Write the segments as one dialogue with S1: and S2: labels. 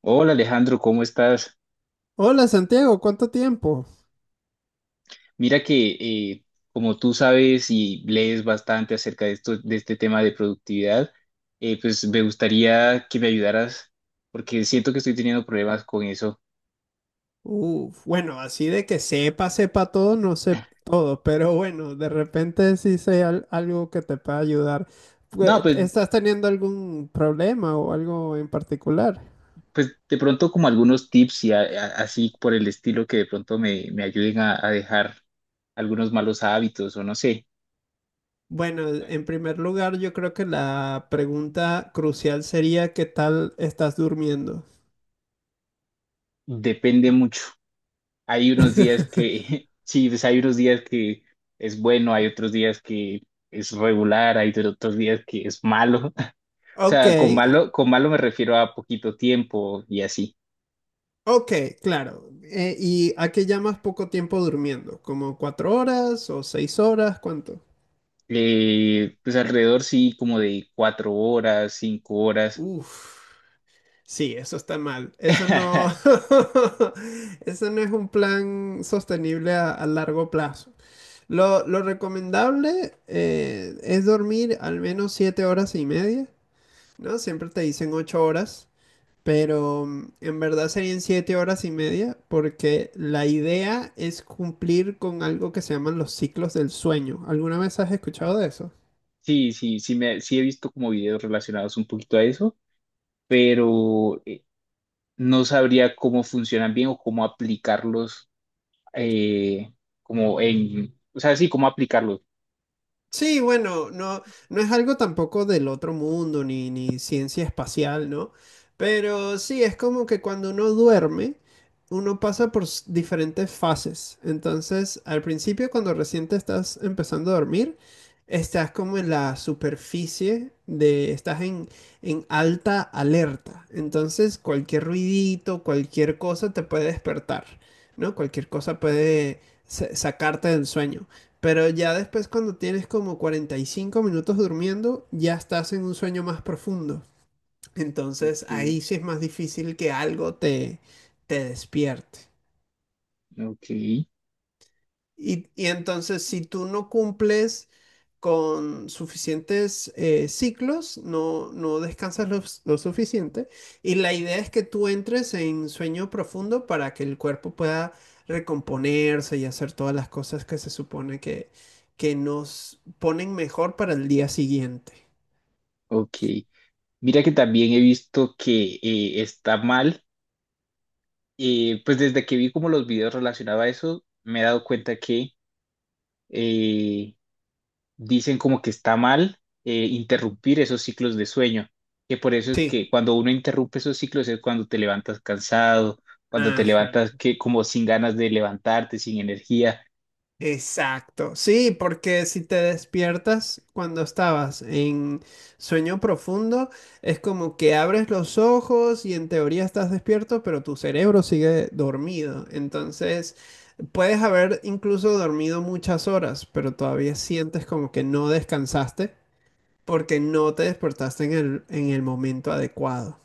S1: Hola Alejandro, ¿cómo estás?
S2: Hola Santiago, ¿cuánto tiempo?
S1: Mira que eh, como tú sabes y lees bastante acerca de esto, de este tema de productividad, pues me gustaría que me ayudaras porque siento que estoy teniendo problemas con eso.
S2: Uf, bueno, así de que sepa, sepa todo, no sé todo, pero bueno, de repente sí sé algo que te pueda ayudar.
S1: No,
S2: Pues,
S1: pues,
S2: ¿estás teniendo algún problema o algo en particular?
S1: pues de pronto como algunos tips y así por el estilo que de pronto me ayuden a dejar algunos malos hábitos o no sé,
S2: Bueno, en primer lugar, yo creo que la pregunta crucial sería ¿qué tal estás durmiendo?
S1: depende mucho. Hay unos días que, sí, pues hay unos días que es bueno, hay otros días que es regular, hay otros días que es malo. O
S2: Ok,
S1: sea, con
S2: a-
S1: malo, con malo me refiero a poquito tiempo y así.
S2: ok, claro. ¿Y a qué llamas poco tiempo durmiendo? ¿Como 4 horas o 6 horas? ¿Cuánto?
S1: Pues alrededor sí, como de 4 horas, 5 horas.
S2: Uf. Sí, eso está mal. Eso no, eso no es un plan sostenible a largo plazo. Lo recomendable es dormir al menos 7 horas y media, ¿no? Siempre te dicen 8 horas, pero en verdad serían 7 horas y media porque la idea es cumplir con algo que se llaman los ciclos del sueño. ¿Alguna vez has escuchado de eso?
S1: Sí, sí, sí, sí he visto como videos relacionados un poquito a eso, pero no sabría cómo funcionan bien o cómo aplicarlos, eh, como en, o sea, sí, cómo aplicarlos.
S2: Sí, bueno, no, no es algo tampoco del otro mundo, ni ciencia espacial, ¿no? Pero sí, es como que cuando uno duerme, uno pasa por diferentes fases. Entonces, al principio, cuando recién te estás empezando a dormir, estás como en la superficie de, estás en alta alerta. Entonces, cualquier ruidito, cualquier cosa te puede despertar, ¿no? Cualquier cosa puede sacarte del sueño. Pero ya después cuando tienes como 45 minutos durmiendo, ya estás en un sueño más profundo. Entonces
S1: Ok.
S2: ahí sí es más difícil que algo te despierte.
S1: Ok,
S2: Y entonces si tú no cumples con suficientes ciclos, no, no descansas lo suficiente. Y la idea es que tú entres en sueño profundo para que el cuerpo pueda recomponerse y hacer todas las cosas que se supone que nos ponen mejor para el día siguiente.
S1: ok. Mira que también he visto que está mal. Pues desde que vi como los videos relacionados a eso, me he dado cuenta que eh, dicen como que está mal interrumpir esos ciclos de sueño. Que por eso es
S2: Sí.
S1: que cuando uno interrumpe esos ciclos es cuando te levantas cansado, cuando te
S2: Ajá.
S1: levantas que como sin ganas de levantarte, sin energía.
S2: Exacto, sí, porque si te despiertas cuando estabas en sueño profundo, es como que abres los ojos y en teoría estás despierto, pero tu cerebro sigue dormido. Entonces, puedes haber incluso dormido muchas horas, pero todavía sientes como que no descansaste porque no te despertaste en en el momento adecuado.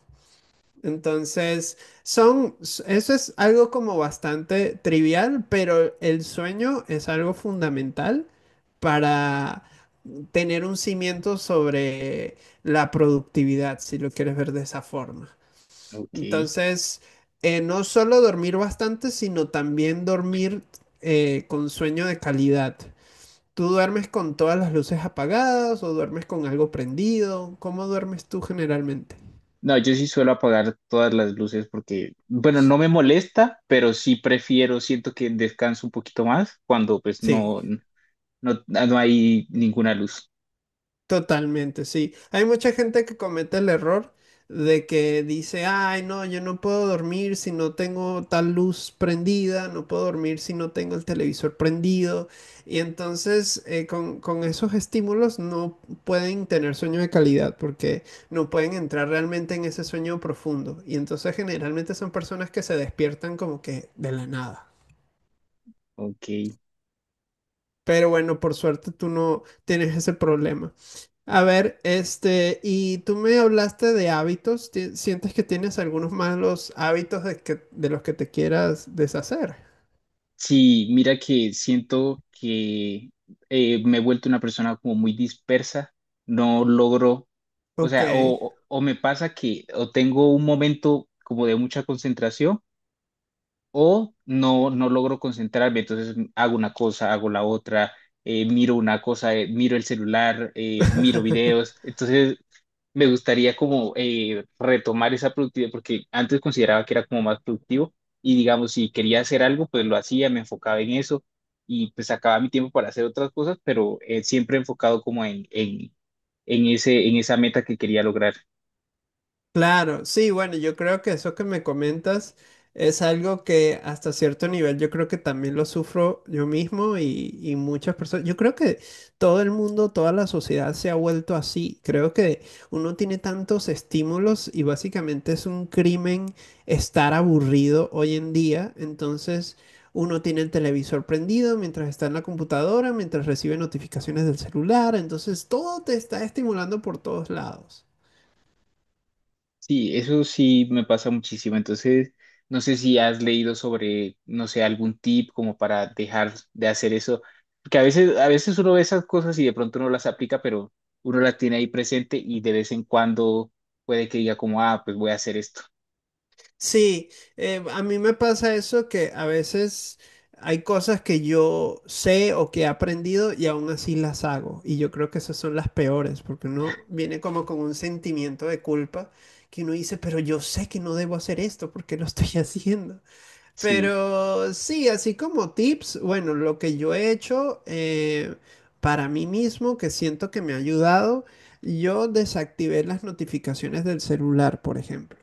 S2: Entonces, eso es algo como bastante trivial, pero el sueño es algo fundamental para tener un cimiento sobre la productividad, si lo quieres ver de esa forma.
S1: Ok.
S2: Entonces, no solo dormir bastante, sino también dormir con sueño de calidad. ¿Tú duermes con todas las luces apagadas o duermes con algo prendido? ¿Cómo duermes tú generalmente?
S1: No, yo sí suelo apagar todas las luces porque, bueno, no me molesta, pero sí prefiero, siento que descanso un poquito más cuando pues
S2: Sí.
S1: no, no, no hay ninguna luz.
S2: Totalmente, sí. Hay mucha gente que comete el error de que dice, ay, no, yo no puedo dormir si no tengo tal luz prendida, no puedo dormir si no tengo el televisor prendido. Y entonces con esos estímulos no pueden tener sueño de calidad porque no pueden entrar realmente en ese sueño profundo. Y entonces generalmente son personas que se despiertan como que de la nada.
S1: Ok.
S2: Pero bueno, por suerte tú no tienes ese problema. A ver, este, y tú me hablaste de hábitos. ¿Ti- ¿Sientes que tienes algunos malos hábitos de los que te quieras deshacer?
S1: Sí, mira que siento que me he vuelto una persona como muy dispersa, no logro, o
S2: Ok.
S1: sea, o me pasa que o tengo un momento como de mucha concentración o no, no logro concentrarme, entonces hago una cosa, hago la otra, miro una cosa, miro el celular, miro videos, entonces me gustaría como retomar esa productividad porque antes consideraba que era como más productivo y digamos, si quería hacer algo, pues lo hacía, me enfocaba en eso y pues sacaba mi tiempo para hacer otras cosas, pero siempre enfocado como en esa meta que quería lograr.
S2: Claro, sí, bueno, yo creo que eso que me comentas es algo que hasta cierto nivel yo creo que también lo sufro yo mismo y muchas personas. Yo creo que todo el mundo, toda la sociedad se ha vuelto así. Creo que uno tiene tantos estímulos y básicamente es un crimen estar aburrido hoy en día. Entonces uno tiene el televisor prendido mientras está en la computadora, mientras recibe notificaciones del celular. Entonces todo te está estimulando por todos lados.
S1: Sí, eso sí me pasa muchísimo. Entonces, no sé si has leído sobre, no sé, algún tip como para dejar de hacer eso, porque a veces uno ve esas cosas y de pronto no las aplica, pero uno las tiene ahí presente y de vez en cuando puede que diga como, ah, pues voy a hacer esto.
S2: Sí, a mí me pasa eso que a veces hay cosas que yo sé o que he aprendido y aún así las hago. Y yo creo que esas son las peores, porque uno viene como con un sentimiento de culpa que uno dice, pero yo sé que no debo hacer esto, ¿por qué lo estoy haciendo?
S1: Sí.
S2: Pero sí, así como tips, bueno, lo que yo he hecho para mí mismo, que siento que me ha ayudado, yo desactivé las notificaciones del celular, por ejemplo.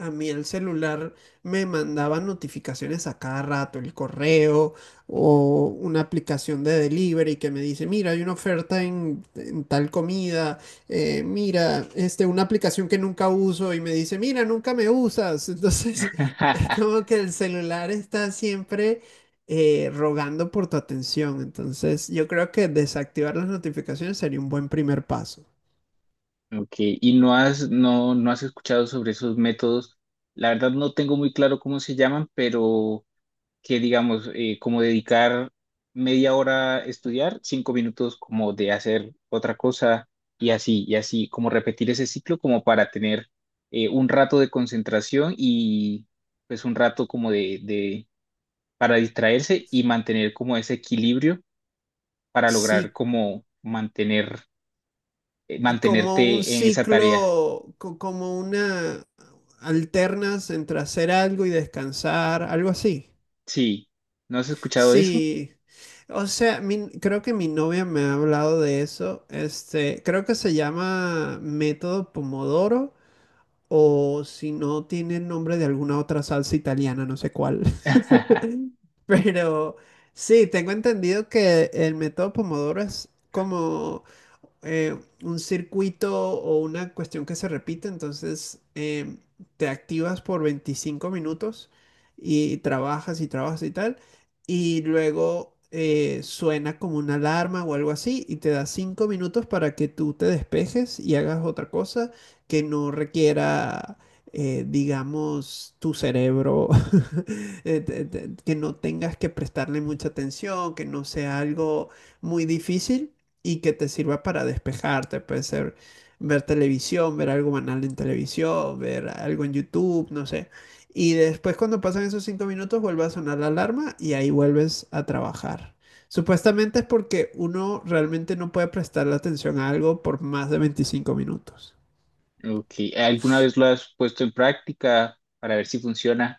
S2: A mí el celular me mandaba notificaciones a cada rato, el correo o una aplicación de delivery que me dice, mira, hay una oferta en tal comida, mira, este, una aplicación que nunca uso y me dice, mira, nunca me usas. Entonces, es como que el celular está siempre rogando por tu atención. Entonces, yo creo que desactivar las notificaciones sería un buen primer paso.
S1: Ok, y no has escuchado sobre esos métodos. La verdad no tengo muy claro cómo se llaman, pero que digamos, como dedicar media hora a estudiar, 5 minutos como de hacer otra cosa y así, como repetir ese ciclo como para tener un rato de concentración y pues un rato como para distraerse y mantener como ese equilibrio para lograr
S2: Sí,
S1: como
S2: como un
S1: mantenerte en esa tarea.
S2: ciclo, como una alternas entre hacer algo y descansar, algo así.
S1: Sí, ¿no has escuchado de eso?
S2: Sí, o sea, creo que mi novia me ha hablado de eso. Este, creo que se llama método Pomodoro. O si no tiene el nombre de alguna otra salsa italiana, no sé cuál. Pero sí, tengo entendido que el método Pomodoro es como un circuito o una cuestión que se repite, entonces te activas por 25 minutos y trabajas y trabajas y tal, y luego suena como una alarma o algo así y te da 5 minutos para que tú te despejes y hagas otra cosa que no requiera... digamos, tu cerebro, que no tengas que prestarle mucha atención, que no sea algo muy difícil y que te sirva para despejarte. Puede ser ver televisión, ver algo banal en televisión, ver algo en YouTube, no sé. Y después cuando pasan esos 5 minutos vuelve a sonar la alarma y ahí vuelves a trabajar. Supuestamente es porque uno realmente no puede prestarle atención a algo por más de 25 minutos.
S1: Ok, ¿alguna vez lo has puesto en práctica para ver si funciona?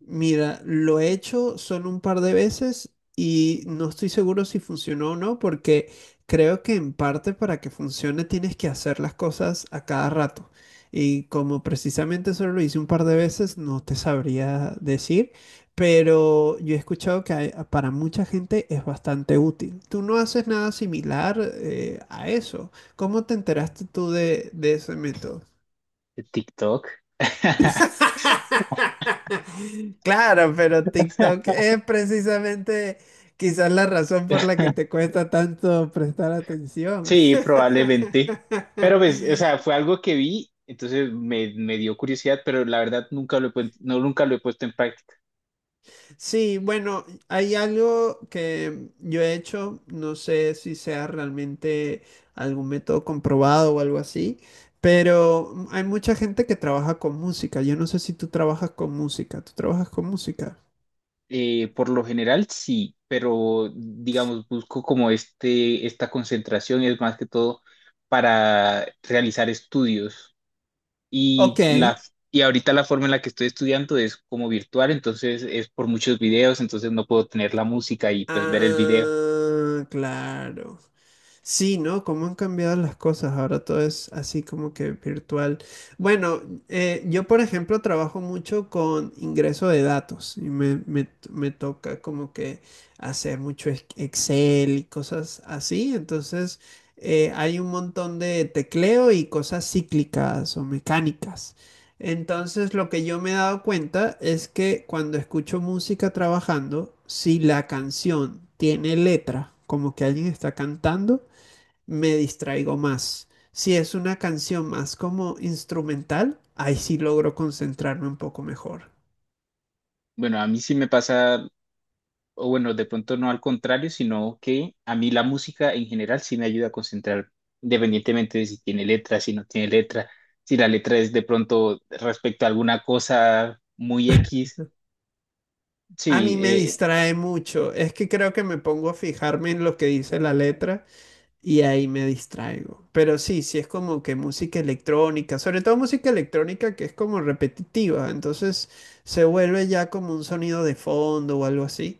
S2: Mira, lo he hecho solo un par de veces y no estoy seguro si funcionó o no, porque creo que en parte para que funcione tienes que hacer las cosas a cada rato. Y como precisamente solo lo hice un par de veces, no te sabría decir, pero yo he escuchado que para mucha gente es bastante útil. Tú no haces nada similar a eso. ¿Cómo te enteraste tú de ese método?
S1: ¿TikTok?
S2: Claro, pero TikTok es precisamente quizás la razón por la que te cuesta tanto prestar atención.
S1: Sí, probablemente. Pero pues, o sea, fue algo que vi, entonces me dio curiosidad, pero la verdad nunca lo he puesto en práctica.
S2: Sí, bueno, hay algo que yo he hecho, no sé si sea realmente algún método comprobado o algo así, pero hay mucha gente que trabaja con música. Yo no sé si tú trabajas con música. ¿Tú trabajas con música?
S1: Por lo general sí, pero digamos, busco como esta concentración es más que todo para realizar estudios.
S2: Ok.
S1: Y, la, y ahorita la forma en la que estoy estudiando es como virtual, entonces es por muchos videos, entonces no puedo tener la música y pues ver el video.
S2: Ah, claro. Sí, ¿no? Cómo han cambiado las cosas. Ahora todo es así como que virtual. Bueno, yo por ejemplo trabajo mucho con ingreso de datos y me toca como que hacer mucho Excel y cosas así. Entonces hay un montón de tecleo y cosas cíclicas o mecánicas. Entonces lo que yo me he dado cuenta es que cuando escucho música trabajando, si la canción tiene letra, como que alguien está cantando, me distraigo más. Si es una canción más como instrumental, ahí sí logro concentrarme un poco mejor.
S1: Bueno, a mí sí me pasa o bueno, de pronto no al contrario, sino que a mí la música en general sí me ayuda a concentrar independientemente de si tiene letra, si no tiene letra, si la letra es de pronto respecto a alguna cosa muy X.
S2: A
S1: Sí,
S2: mí me distrae mucho, es que creo que me pongo a fijarme en lo que dice la letra. Y ahí me distraigo. Pero sí, sí es como que música electrónica, sobre todo música electrónica que es como repetitiva, entonces se vuelve ya como un sonido de fondo o algo así.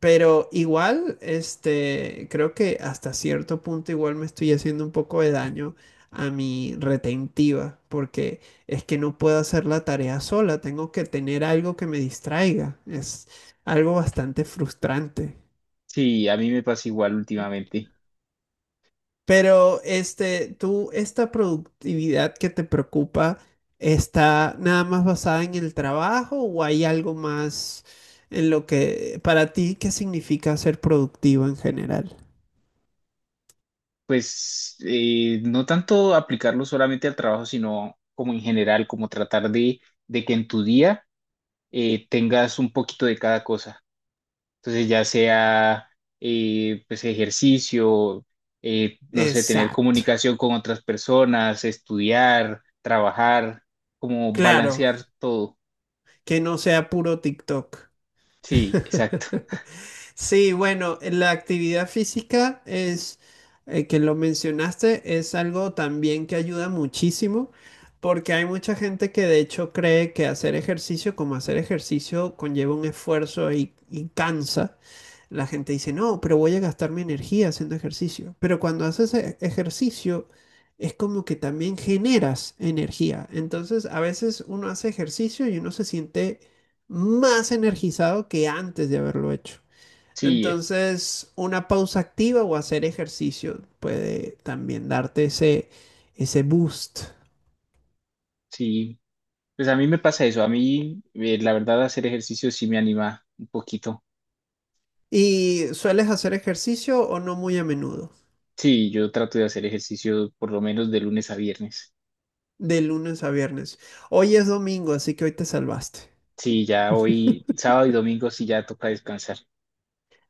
S2: Pero igual, este, creo que hasta cierto punto igual me estoy haciendo un poco de daño a mi retentiva, porque es que no puedo hacer la tarea sola, tengo que tener algo que me distraiga. Es algo bastante frustrante.
S1: sí, a mí me pasa igual últimamente.
S2: Pero este, tú, esta productividad que te preocupa, ¿está nada más basada en el trabajo o hay algo más en lo que, para ti, qué significa ser productivo en general?
S1: Pues no tanto aplicarlo solamente al trabajo, sino como en general, como tratar de que en tu día tengas un poquito de cada cosa. Entonces, ya sea pues ejercicio, no sé, tener
S2: Exacto.
S1: comunicación con otras personas, estudiar, trabajar, como
S2: Claro,
S1: balancear todo.
S2: que no sea puro TikTok.
S1: Sí, exacto.
S2: Sí, bueno, la actividad física es, que lo mencionaste, es algo también que ayuda muchísimo, porque hay mucha gente que de hecho cree que hacer ejercicio como hacer ejercicio conlleva un esfuerzo y cansa. La gente dice, no, pero voy a gastar mi energía haciendo ejercicio. Pero cuando haces ejercicio, es como que también generas energía. Entonces, a veces uno hace ejercicio y uno se siente más energizado que antes de haberlo hecho.
S1: Sí,
S2: Entonces, una pausa activa o hacer ejercicio puede también darte ese, ese boost.
S1: sí. Pues a mí me pasa eso. A mí, la verdad, hacer ejercicio sí me anima un poquito.
S2: ¿Y sueles hacer ejercicio o no muy a menudo?
S1: Sí, yo trato de hacer ejercicio por lo menos de lunes a viernes.
S2: De lunes a viernes. Hoy es domingo, así que hoy te salvaste.
S1: Sí, ya hoy, sábado y domingo sí ya toca descansar.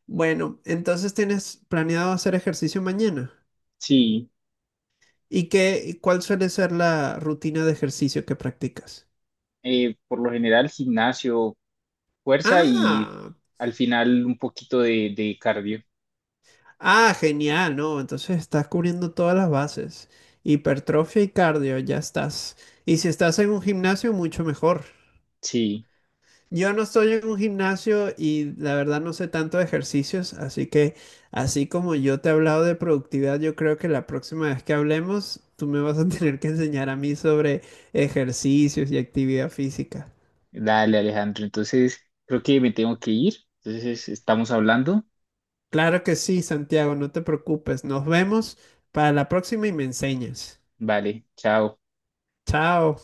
S2: Bueno, entonces tienes planeado hacer ejercicio mañana.
S1: Sí,
S2: ¿Y qué, y cuál suele ser la rutina de ejercicio que practicas?
S1: por lo general gimnasio, fuerza y
S2: Ah,
S1: al final un poquito de cardio.
S2: ah, genial, ¿no? Entonces estás cubriendo todas las bases. Hipertrofia y cardio, ya estás. Y si estás en un gimnasio, mucho mejor.
S1: Sí,
S2: Yo no estoy en un gimnasio y la verdad no sé tanto de ejercicios, así que así como yo te he hablado de productividad, yo creo que la próxima vez que hablemos, tú me vas a tener que enseñar a mí sobre ejercicios y actividad física.
S1: dale Alejandro. Entonces creo que me tengo que ir. Entonces estamos hablando.
S2: Claro que sí, Santiago, no te preocupes. Nos vemos para la próxima y me enseñas.
S1: Vale, chao.
S2: Chao.